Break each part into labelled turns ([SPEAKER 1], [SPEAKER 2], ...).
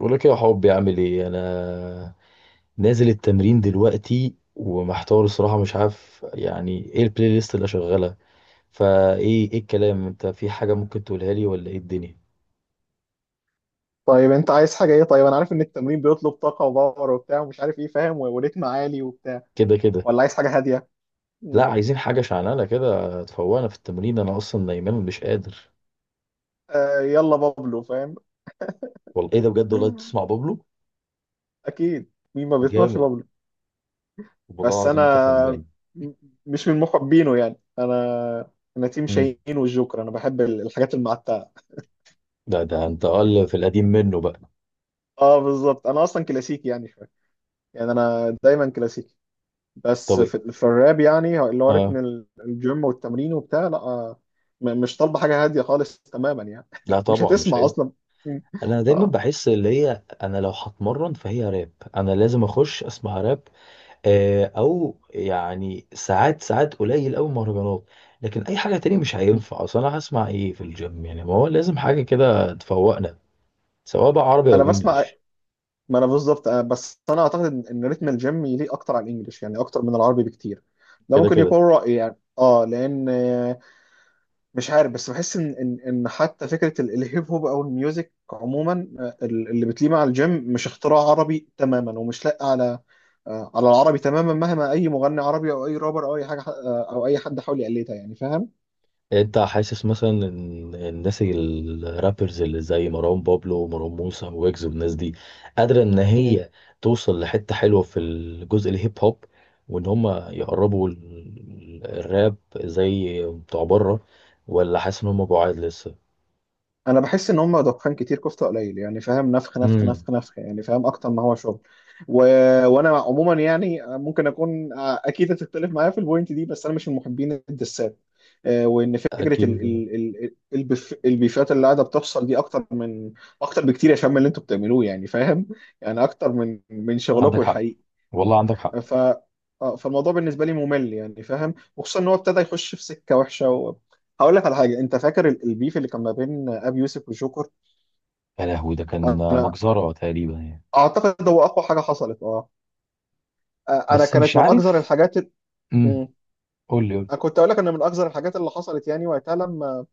[SPEAKER 1] بقول لك إيه يا حبي، عامل ايه انا. نازل التمرين دلوقتي ومحتار الصراحه، مش عارف يعني ايه البلاي ليست اللي شغاله. فايه ايه الكلام، انت في حاجه ممكن تقولها لي ولا ايه الدنيا؟
[SPEAKER 2] طيب انت عايز حاجه ايه؟ طيب انا عارف ان التمرين بيطلب طاقه وباور وبتاع ومش عارف ايه فاهم وريتم عالي وبتاع،
[SPEAKER 1] كده كده.
[SPEAKER 2] ولا عايز حاجه هاديه؟
[SPEAKER 1] لا،
[SPEAKER 2] مم.
[SPEAKER 1] عايزين حاجه شعلانه كده تفوقنا في التمرين، انا اصلا نايمان مش قادر.
[SPEAKER 2] آه يلا بابلو فاهم.
[SPEAKER 1] والله ايه ده بجد، والله
[SPEAKER 2] مم.
[SPEAKER 1] بتسمع بابلو؟
[SPEAKER 2] اكيد مين ما بيسمعش
[SPEAKER 1] جامد.
[SPEAKER 2] بابلو؟
[SPEAKER 1] والله
[SPEAKER 2] بس
[SPEAKER 1] العظيم
[SPEAKER 2] انا
[SPEAKER 1] انت فنان.
[SPEAKER 2] م- مش من محبينه، يعني انا تيم
[SPEAKER 1] مم.
[SPEAKER 2] شاهين والجوكر، انا بحب الحاجات المعتقه.
[SPEAKER 1] ده انت اقل في القديم منه بقى.
[SPEAKER 2] اه بالظبط انا اصلا كلاسيكي يعني شويه، يعني انا دايما كلاسيكي.
[SPEAKER 1] طب
[SPEAKER 2] بس
[SPEAKER 1] إيه؟
[SPEAKER 2] في الراب يعني اللي هو رتم
[SPEAKER 1] اه.
[SPEAKER 2] الجيم والتمرين وبتاع لا. مش طالبه حاجه هاديه خالص تماما يعني.
[SPEAKER 1] لا
[SPEAKER 2] مش
[SPEAKER 1] طبعا مش
[SPEAKER 2] هتسمع
[SPEAKER 1] هينفع.
[SPEAKER 2] اصلا. م.
[SPEAKER 1] انا دايما
[SPEAKER 2] اه
[SPEAKER 1] بحس اللي هي انا لو هتمرن فهي راب. انا لازم اخش اسمع راب. آه، او يعني ساعات ساعات قليل قوي مهرجانات. لكن اي حاجه تاني مش هينفع، اصل انا هسمع ايه في الجيم يعني، ما هو لازم حاجه كده تفوقنا. سواء بقى عربي
[SPEAKER 2] انا
[SPEAKER 1] او
[SPEAKER 2] بسمع.
[SPEAKER 1] انجليش.
[SPEAKER 2] ما انا بالظبط بس انا اعتقد ان رتم الجيم يليق اكتر على الانجليش يعني اكتر من العربي بكتير. ده
[SPEAKER 1] كده
[SPEAKER 2] ممكن
[SPEAKER 1] كده.
[SPEAKER 2] يكون رايي يعني، اه لان مش عارف، بس بحس ان حتى فكره الهيب هوب او الميوزك عموما، اللي بتليه مع الجيم مش اختراع عربي تماما ومش لاقي على، على العربي تماما، مهما اي مغني عربي او اي رابر او اي حاجه او اي حد حاول يقلدها يعني فاهم.
[SPEAKER 1] انت حاسس مثلا ان الناس الرابرز اللي زي مروان بابلو ومروان موسى ويجز والناس دي قادرة ان هي توصل لحتة حلوة في الجزء الهيب هوب، وان هم يقربوا الراب زي بتوع بره، ولا حاسس ان هم بعاد لسه؟
[SPEAKER 2] انا بحس ان هم دخان كتير كفته قليل يعني فاهم، نفخ نفخ
[SPEAKER 1] امم.
[SPEAKER 2] نفخ نفخ يعني فاهم اكتر ما هو شغل. و... وانا عموما يعني ممكن اكون اكيد هتختلف معايا في البوينت دي، بس انا مش من محبين الدسات. وان فكره
[SPEAKER 1] اكيد.
[SPEAKER 2] البيفات اللي قاعده بتحصل دي اكتر من، اكتر بكتير يا شباب من اللي انتوا بتعملوه يعني فاهم. يعني اكتر من
[SPEAKER 1] عندك
[SPEAKER 2] شغلكم
[SPEAKER 1] حق،
[SPEAKER 2] الحقيقي.
[SPEAKER 1] والله عندك حق.
[SPEAKER 2] ف آه، فالموضوع بالنسبه لي ممل يعني فاهم، وخصوصا ان هو ابتدى يخش في سكه وحشه هقول لك على حاجه. انت فاكر البيف اللي كان ما بين ابي يوسف وجوكر؟
[SPEAKER 1] يا لهوي ده كان
[SPEAKER 2] انا
[SPEAKER 1] مجزرة تقريبا يعني.
[SPEAKER 2] اعتقد هو اقوى حاجه حصلت. اه انا
[SPEAKER 1] بس مش
[SPEAKER 2] كانت من اكثر
[SPEAKER 1] عارف. امم.
[SPEAKER 2] مم.
[SPEAKER 1] قول لي قول لي.
[SPEAKER 2] انا كنت اقول لك ان من اكثر الحاجات اللي حصلت يعني وقتها، لما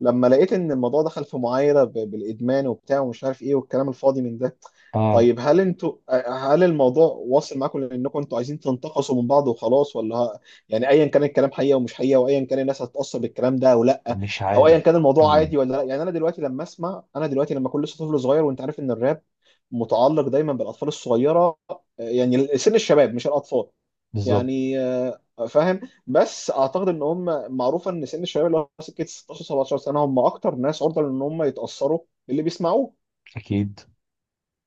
[SPEAKER 2] لما لقيت ان الموضوع دخل في معايره بالادمان وبتاع ومش عارف ايه والكلام الفاضي من ده.
[SPEAKER 1] اه.
[SPEAKER 2] طيب هل انتوا، هل الموضوع واصل معاكم لانكم انتوا عايزين تنتقصوا من بعض وخلاص؟ يعني ايا كان الكلام حقيقه ومش حقيقه، وايا كان الناس هتتاثر بالكلام ده او لا،
[SPEAKER 1] مش
[SPEAKER 2] او ايا كان
[SPEAKER 1] عارف.
[SPEAKER 2] الموضوع
[SPEAKER 1] امم.
[SPEAKER 2] عادي ولا لا، يعني انا دلوقتي لما اسمع، انا دلوقتي لما كل لسه طفل صغير وانت عارف ان الراب متعلق دايما بالاطفال الصغيره، يعني سن الشباب مش الاطفال،
[SPEAKER 1] بالظبط.
[SPEAKER 2] يعني فاهم. بس اعتقد ان هم معروف ان سن الشباب اللي هو سكه 16 17 سنه هم اكتر ناس عرضه ان هم يتاثروا باللي بيسمعوه.
[SPEAKER 1] اكيد.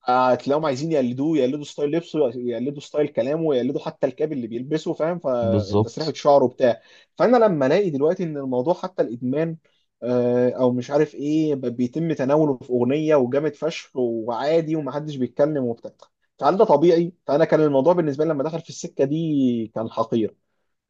[SPEAKER 2] هتلاقيهم عايزين يقلدوه، يقلدوا ستايل لبسه، يقلدوا ستايل كلامه، يقلدوا حتى الكاب اللي بيلبسه فاهم، فتسريحه
[SPEAKER 1] بالظبط.
[SPEAKER 2] شعره بتاع. فانا لما الاقي دلوقتي ان الموضوع حتى الادمان او مش عارف ايه بيتم تناوله في اغنيه وجامد فشخ وعادي ومحدش بيتكلم وبتاع، فهل ده طبيعي؟ فانا كان الموضوع بالنسبه لي لما دخل في السكه دي كان حقير.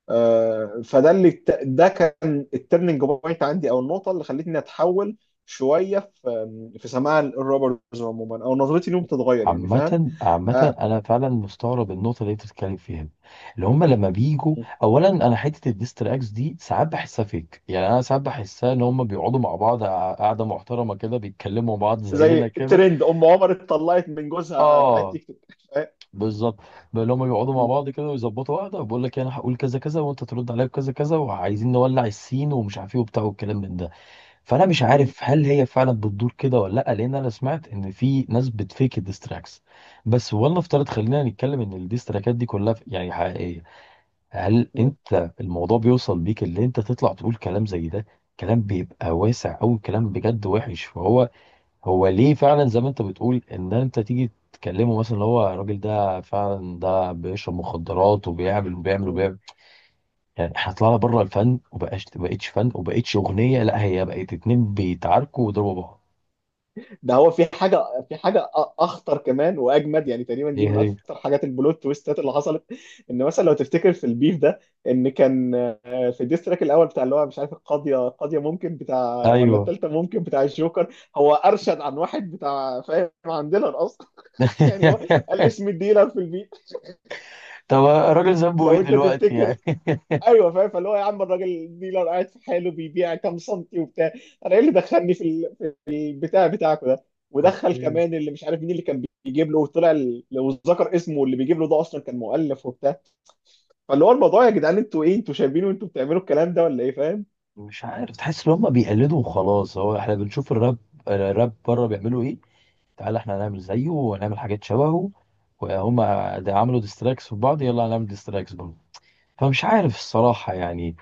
[SPEAKER 2] فده اللي، ده كان الترننج بوينت عندي او النقطه اللي خلتني اتحول شويه في، في سماع الروبرز عموما او نظرتي ليهم تتغير يعني فاهم.
[SPEAKER 1] عامة عامة
[SPEAKER 2] آه،
[SPEAKER 1] أنا فعلا مستغرب النقطة اللي أنت بتتكلم فيها دي. اللي هما لما بيجوا، أولا أنا حتة الديستراكس دي ساعات بحسها فيك، يعني أنا ساعات بحسها إن
[SPEAKER 2] مم.
[SPEAKER 1] هما بيقعدوا مع بعض قعدة محترمة كده بيتكلموا مع بعض زينا
[SPEAKER 2] زي
[SPEAKER 1] كده.
[SPEAKER 2] الترند ام عمر اتطلقت من جوزها بتاع
[SPEAKER 1] آه.
[SPEAKER 2] التيك توك.
[SPEAKER 1] بالظبط. اللي هما بيقعدوا مع بعض كده ويظبطوا قعدة وبيقول لك أنا هقول كذا كذا وأنت ترد عليا بكذا كذا وعايزين نولع السين ومش عارف إيه وبتاع والكلام من ده. فانا مش عارف هل هي فعلا بتدور كده ولا لا، لان انا سمعت ان في ناس بتفيك الديستراكس. بس ولنفترض خلينا نتكلم ان الديستراكات دي كلها يعني حقيقيه، هل
[SPEAKER 2] فاهم؟
[SPEAKER 1] انت الموضوع بيوصل بيك اللي انت تطلع تقول كلام زي ده؟ كلام بيبقى واسع او كلام بجد وحش. فهو ليه فعلا زي ما انت بتقول ان انت تيجي تكلمه، مثلا اللي هو الراجل ده فعلا ده بيشرب مخدرات وبيعمل وبيعمل وبيعمل. يعني احنا طلعنا بره الفن وبقاش بقتش فن وبقتش اغنيه، لا هي بقت اتنين بيتعاركوا ويضربوا بعض.
[SPEAKER 2] ده هو في حاجه، في حاجه أ- اخطر كمان واجمد، يعني تقريبا دي
[SPEAKER 1] ايه
[SPEAKER 2] من
[SPEAKER 1] هي؟
[SPEAKER 2] اكتر حاجات البلوت تويستات اللي حصلت. ان مثلا لو تفتكر في البيف ده، ان كان في الديستراك الاول بتاع اللي هو مش عارف القاضيه ممكن بتاع ولا
[SPEAKER 1] ايوه.
[SPEAKER 2] الثالثه ممكن بتاع، الجوكر هو ارشد عن واحد بتاع فاهم، عن ديلر اصلا. يعني هو قال اسم الديلر في البيف.
[SPEAKER 1] طب الراجل ذنبه ايه
[SPEAKER 2] لو انت
[SPEAKER 1] دلوقتي
[SPEAKER 2] تفتكر،
[SPEAKER 1] يعني؟
[SPEAKER 2] ايوه فاهم، فاللي هو يا عم الراجل الديلر قاعد في حاله بيبيع كام سنتي وبتاع، انا ايه اللي دخلني في البتاع بتاعكم ده؟ ودخل
[SPEAKER 1] اوكي.
[SPEAKER 2] كمان اللي مش عارف مين اللي كان بيجيب له، وطلع لو ذكر اسمه اللي بيجيب له ده اصلا كان مؤلف وبتاع. فاللي هو الموضوع يا جدعان، انتوا ايه؟ انتوا شايفين وانتوا بتعملوا الكلام ده ولا ايه فاهم؟
[SPEAKER 1] مش عارف، تحس ان هم بيقلدوا وخلاص، هو احنا بنشوف الراب بره بيعملوا ايه. تعالى احنا هنعمل زيه ونعمل حاجات شبهه. وهم ده عملوا ديستراكس في بعض، يلا هنعمل ديستراكس برضه. فمش عارف الصراحه يعني.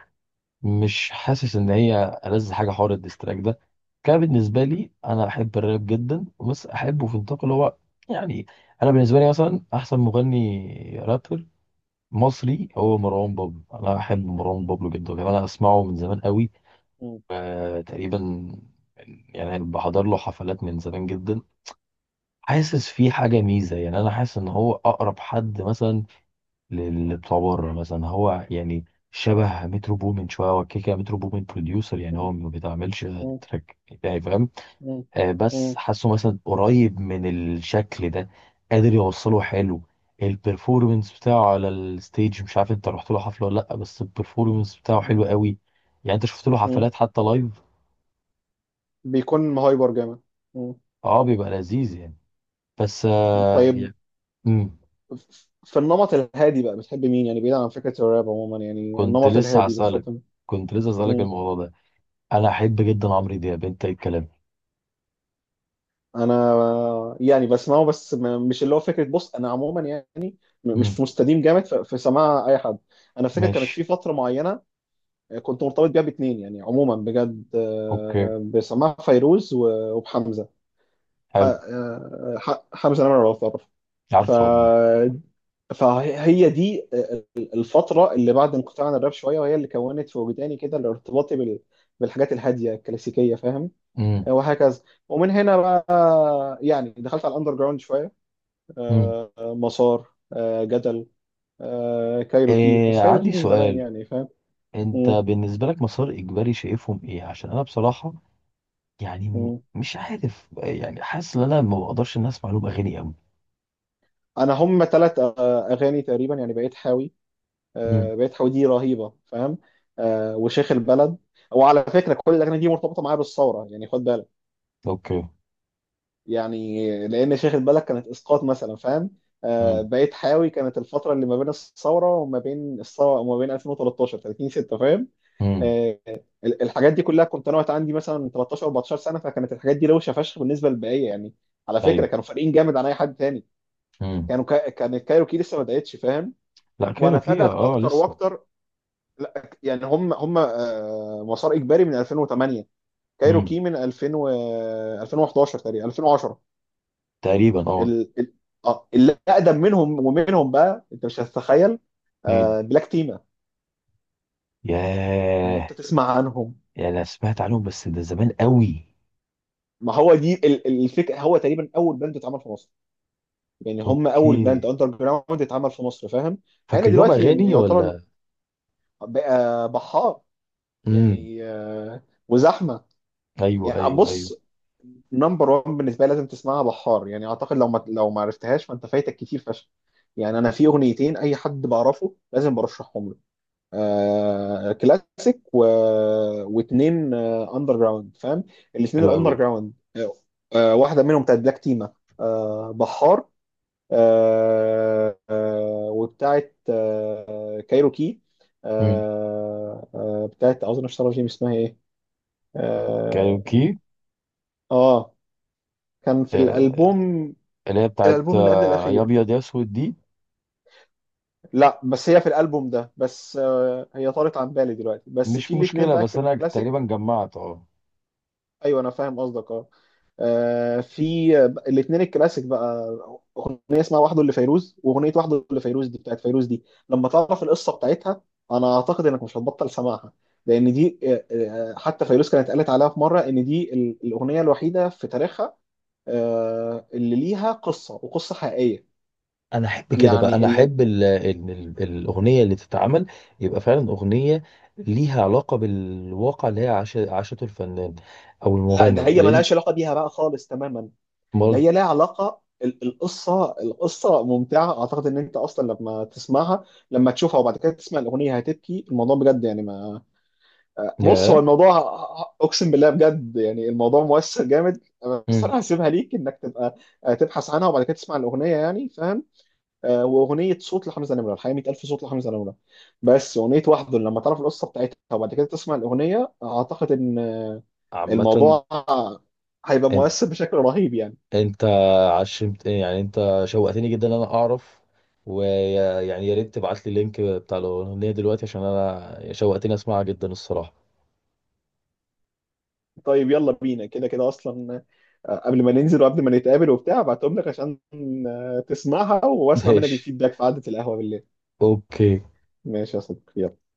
[SPEAKER 1] مش حاسس ان هي ألذ حاجه حوار الديستراك ده كان. بالنسبه لي انا احب الراب جدا بس احبه في نطاق اللي هو، يعني انا بالنسبه لي مثلا احسن مغني رابر مصري هو مروان بابلو. انا احب مروان بابلو جدا، كمان انا اسمعه من زمان قوي.
[SPEAKER 2] مم.
[SPEAKER 1] آه، تقريبا يعني بحضر له حفلات من زمان جدا. حاسس في حاجه ميزه، يعني انا حاسس ان هو اقرب حد مثلا للي بتوع بره مثلا، هو يعني شبه مترو بومن شويه، هو كيكا مترو بومن بروديوسر، يعني هو
[SPEAKER 2] مم.
[SPEAKER 1] ما بيتعملش تراك يعني فاهم.
[SPEAKER 2] مم.
[SPEAKER 1] آه بس
[SPEAKER 2] مم.
[SPEAKER 1] حاسه مثلا قريب من الشكل ده، قادر يوصله حلو. البرفورمنس بتاعه على الستيج، مش عارف انت رحت له حفله ولا لا، بس البرفورمنس بتاعه
[SPEAKER 2] مم.
[SPEAKER 1] حلو قوي. يعني انت شفت له
[SPEAKER 2] مم.
[SPEAKER 1] حفلات حتى لايف.
[SPEAKER 2] بيكون هايبر جامد. مم.
[SPEAKER 1] اه بيبقى لذيذ يعني. بس آه
[SPEAKER 2] طيب
[SPEAKER 1] يعني. مم،
[SPEAKER 2] في النمط الهادي بقى بتحب مين؟ يعني بعيد عن فكرة الراب عموما، يعني
[SPEAKER 1] كنت
[SPEAKER 2] النمط
[SPEAKER 1] لسه
[SPEAKER 2] الهادي
[SPEAKER 1] هسألك
[SPEAKER 2] بتفضل
[SPEAKER 1] كنت لسه هسألك
[SPEAKER 2] مين؟
[SPEAKER 1] الموضوع ده. انا احب جدا عمرو دياب، انت ايه الكلام؟
[SPEAKER 2] انا يعني بسمعه بس مش اللي هو فكره، بص انا عموما يعني
[SPEAKER 1] مم.
[SPEAKER 2] مش مستديم جامد في سماع اي حد. انا فاكر كانت
[SPEAKER 1] ماشي.
[SPEAKER 2] في فتره معينه كنت مرتبط بيها باتنين يعني عموما بجد،
[SPEAKER 1] اوكي.
[SPEAKER 2] بسماع فيروز وبحمزه.
[SPEAKER 1] حلو.
[SPEAKER 2] حمزه نمره لو تعرف. ف
[SPEAKER 1] عارفه عموما.
[SPEAKER 2] فهي دي الفتره اللي بعد انقطاع عن الراب شويه، وهي اللي كونت في وجداني كده الارتباطي بالحاجات الهاديه الكلاسيكيه فاهم،
[SPEAKER 1] امم.
[SPEAKER 2] وهكذا. ومن هنا بقى يعني دخلت على الاندر جراوند شويه،
[SPEAKER 1] امم.
[SPEAKER 2] مسار جدل، كايروكي،
[SPEAKER 1] إيه؟
[SPEAKER 2] بس كايروكي
[SPEAKER 1] عندي
[SPEAKER 2] من زمان
[SPEAKER 1] سؤال.
[SPEAKER 2] يعني فاهم.
[SPEAKER 1] انت
[SPEAKER 2] مم،
[SPEAKER 1] بالنسبه لك مسار اجباري شايفهم ايه؟ عشان انا بصراحه يعني
[SPEAKER 2] مم.
[SPEAKER 1] مش عارف، يعني حاسس ان انا ما بقدرش ان اسمع لهم اغاني قوي.
[SPEAKER 2] انا هم ثلاث اغاني تقريبا يعني، بقيت حاوي.
[SPEAKER 1] امم.
[SPEAKER 2] بقيت حاوي دي رهيبه فاهم. وشيخ البلد. وعلى فكره كل الاغاني دي مرتبطه معايا بالثوره يعني خد بالك،
[SPEAKER 1] اوكي.
[SPEAKER 2] يعني لان شيخ البلد كانت اسقاط مثلا فاهم.
[SPEAKER 1] امم.
[SPEAKER 2] بقيت حاوي كانت الفتره اللي ما بين الثوره، وما بين 2013 30 6 فاهم.
[SPEAKER 1] امم.
[SPEAKER 2] آه، الحاجات دي كلها كنت انا وقت عندي مثلا 13 14 سنه، فكانت الحاجات دي روشه فشخ بالنسبه للبقيه يعني. على فكره
[SPEAKER 1] ايوه.
[SPEAKER 2] كانوا فارقين جامد عن اي حد تاني.
[SPEAKER 1] امم.
[SPEAKER 2] كان الكايروكي لسه ما بداتش فاهم.
[SPEAKER 1] لا
[SPEAKER 2] وانا
[SPEAKER 1] كايروكي
[SPEAKER 2] فادت
[SPEAKER 1] اه. آه،
[SPEAKER 2] اكتر
[SPEAKER 1] لسه.
[SPEAKER 2] واكتر. لا يعني هم هم آه، مسار اجباري من 2008،
[SPEAKER 1] امم.
[SPEAKER 2] كايروكي من 2011 تقريبا 2010.
[SPEAKER 1] تقريبا اه.
[SPEAKER 2] ال... ال... آه، اللي اقدم منهم ومنهم بقى انت مش هتتخيل،
[SPEAKER 1] اتنين.
[SPEAKER 2] بلاك تيما لو
[SPEAKER 1] ياه.
[SPEAKER 2] انت تسمع عنهم.
[SPEAKER 1] يعني انا سمعت عنهم بس ده زمان قوي.
[SPEAKER 2] ما هو دي الفكره، هو تقريبا اول باند اتعمل في مصر، يعني هم اول باند
[SPEAKER 1] اوكي.
[SPEAKER 2] اندر جراوند اتعمل في مصر فاهم. مع
[SPEAKER 1] فاكر
[SPEAKER 2] ان
[SPEAKER 1] لهم
[SPEAKER 2] دلوقتي
[SPEAKER 1] اغاني
[SPEAKER 2] يعتبر،
[SPEAKER 1] ولا؟
[SPEAKER 2] بقى بحار
[SPEAKER 1] امم.
[SPEAKER 2] يعني وزحمه.
[SPEAKER 1] ايوه
[SPEAKER 2] يعني
[SPEAKER 1] ايوه ايوه.
[SPEAKER 2] بص، نمبر 1 بالنسبه لي لازم تسمعها، بحار يعني اعتقد لو ما، لو ما عرفتهاش فانت فايتك كتير فشخ. يعني انا في اغنيتين اي حد بعرفه لازم برشحهم له، آه كلاسيك واتنين آه اندر جراوند فاهم. الاتنين
[SPEAKER 1] حلو قوي.
[SPEAKER 2] الاندر جراوند آه، واحده منهم بتاعت بلاك تيما آه بحار، آه، آه، وبتاعت آه، كايروكي،
[SPEAKER 1] مم.
[SPEAKER 2] بتاعت اظن اشتغل جيم، اسمها ايه؟ اه
[SPEAKER 1] كاريوكي.
[SPEAKER 2] آه، كان في
[SPEAKER 1] آه،
[SPEAKER 2] الالبوم،
[SPEAKER 1] اللي هي بتاعت
[SPEAKER 2] الالبوم اللي قبل
[SPEAKER 1] آه، يا
[SPEAKER 2] الاخير.
[SPEAKER 1] ابيض يا اسود دي.
[SPEAKER 2] لا بس هي في الالبوم ده بس هي طارت عن بالي دلوقتي، بس
[SPEAKER 1] مش
[SPEAKER 2] في الاثنين
[SPEAKER 1] مشكله،
[SPEAKER 2] بقى
[SPEAKER 1] بس انا
[SPEAKER 2] الكلاسيك.
[SPEAKER 1] تقريبا جمعت اه.
[SPEAKER 2] ايوه انا فاهم قصدك اه. آه، في الاثنين الكلاسيك بقى، اغنيه اسمها وحده اللي فيروز، واغنيه وحده اللي فيروز دي بتاعت فيروز دي، لما تعرف القصه بتاعتها انا اعتقد انك مش هتبطل سماعها، لان دي حتى فيروز كانت قالت عليها في مره ان دي الاغنيه الوحيده في تاريخها اللي ليها قصه وقصه حقيقيه،
[SPEAKER 1] انا احب كده بقى،
[SPEAKER 2] يعني
[SPEAKER 1] انا
[SPEAKER 2] اللي،
[SPEAKER 1] احب ال ال ال الاغنيه اللي تتعمل يبقى فعلا اغنيه ليها علاقه بالواقع اللي هي عاشته الفنان او
[SPEAKER 2] لا
[SPEAKER 1] المغني
[SPEAKER 2] ده هي
[SPEAKER 1] لان.
[SPEAKER 2] ملهاش علاقه بيها بقى خالص تماما. ده
[SPEAKER 1] مال.
[SPEAKER 2] هي لها علاقه القصه ممتعه، اعتقد ان انت اصلا لما تسمعها، لما تشوفها وبعد كده تسمع الاغنيه هتبكي، الموضوع بجد يعني ما، بص هو
[SPEAKER 1] يا
[SPEAKER 2] الموضوع، اقسم بالله بجد يعني الموضوع مؤثر جامد. بس انا هسيبها ليك انك تبقى تبحث عنها وبعد كده تسمع الاغنيه يعني فاهم. واغنيه صوت لحمزه نمره، الحقيقه 100,000 صوت لحمزه نمره. بس اغنيه وحده لما تعرف القصه بتاعتها وبعد كده تسمع الاغنيه اعتقد ان
[SPEAKER 1] عامه،
[SPEAKER 2] الموضوع هيبقى مؤثر بشكل رهيب يعني.
[SPEAKER 1] انت عشمت، يعني انت شوقتني جدا ان انا اعرف، ويعني يا ريت تبعت لي اللينك بتاع الاغنيه دلوقتي عشان انا شوقتني اسمعها جدا الصراحه.
[SPEAKER 2] طيب يلا بينا كده، كده اصلا قبل ما ننزل وقبل ما نتقابل وبتاع ابعتهم لك عشان تسمعها واسمع منك
[SPEAKER 1] ماشي.
[SPEAKER 2] الفيدباك في قعدة القهوة بالليل.
[SPEAKER 1] اوكي.
[SPEAKER 2] ماشي يا صديقي يلا.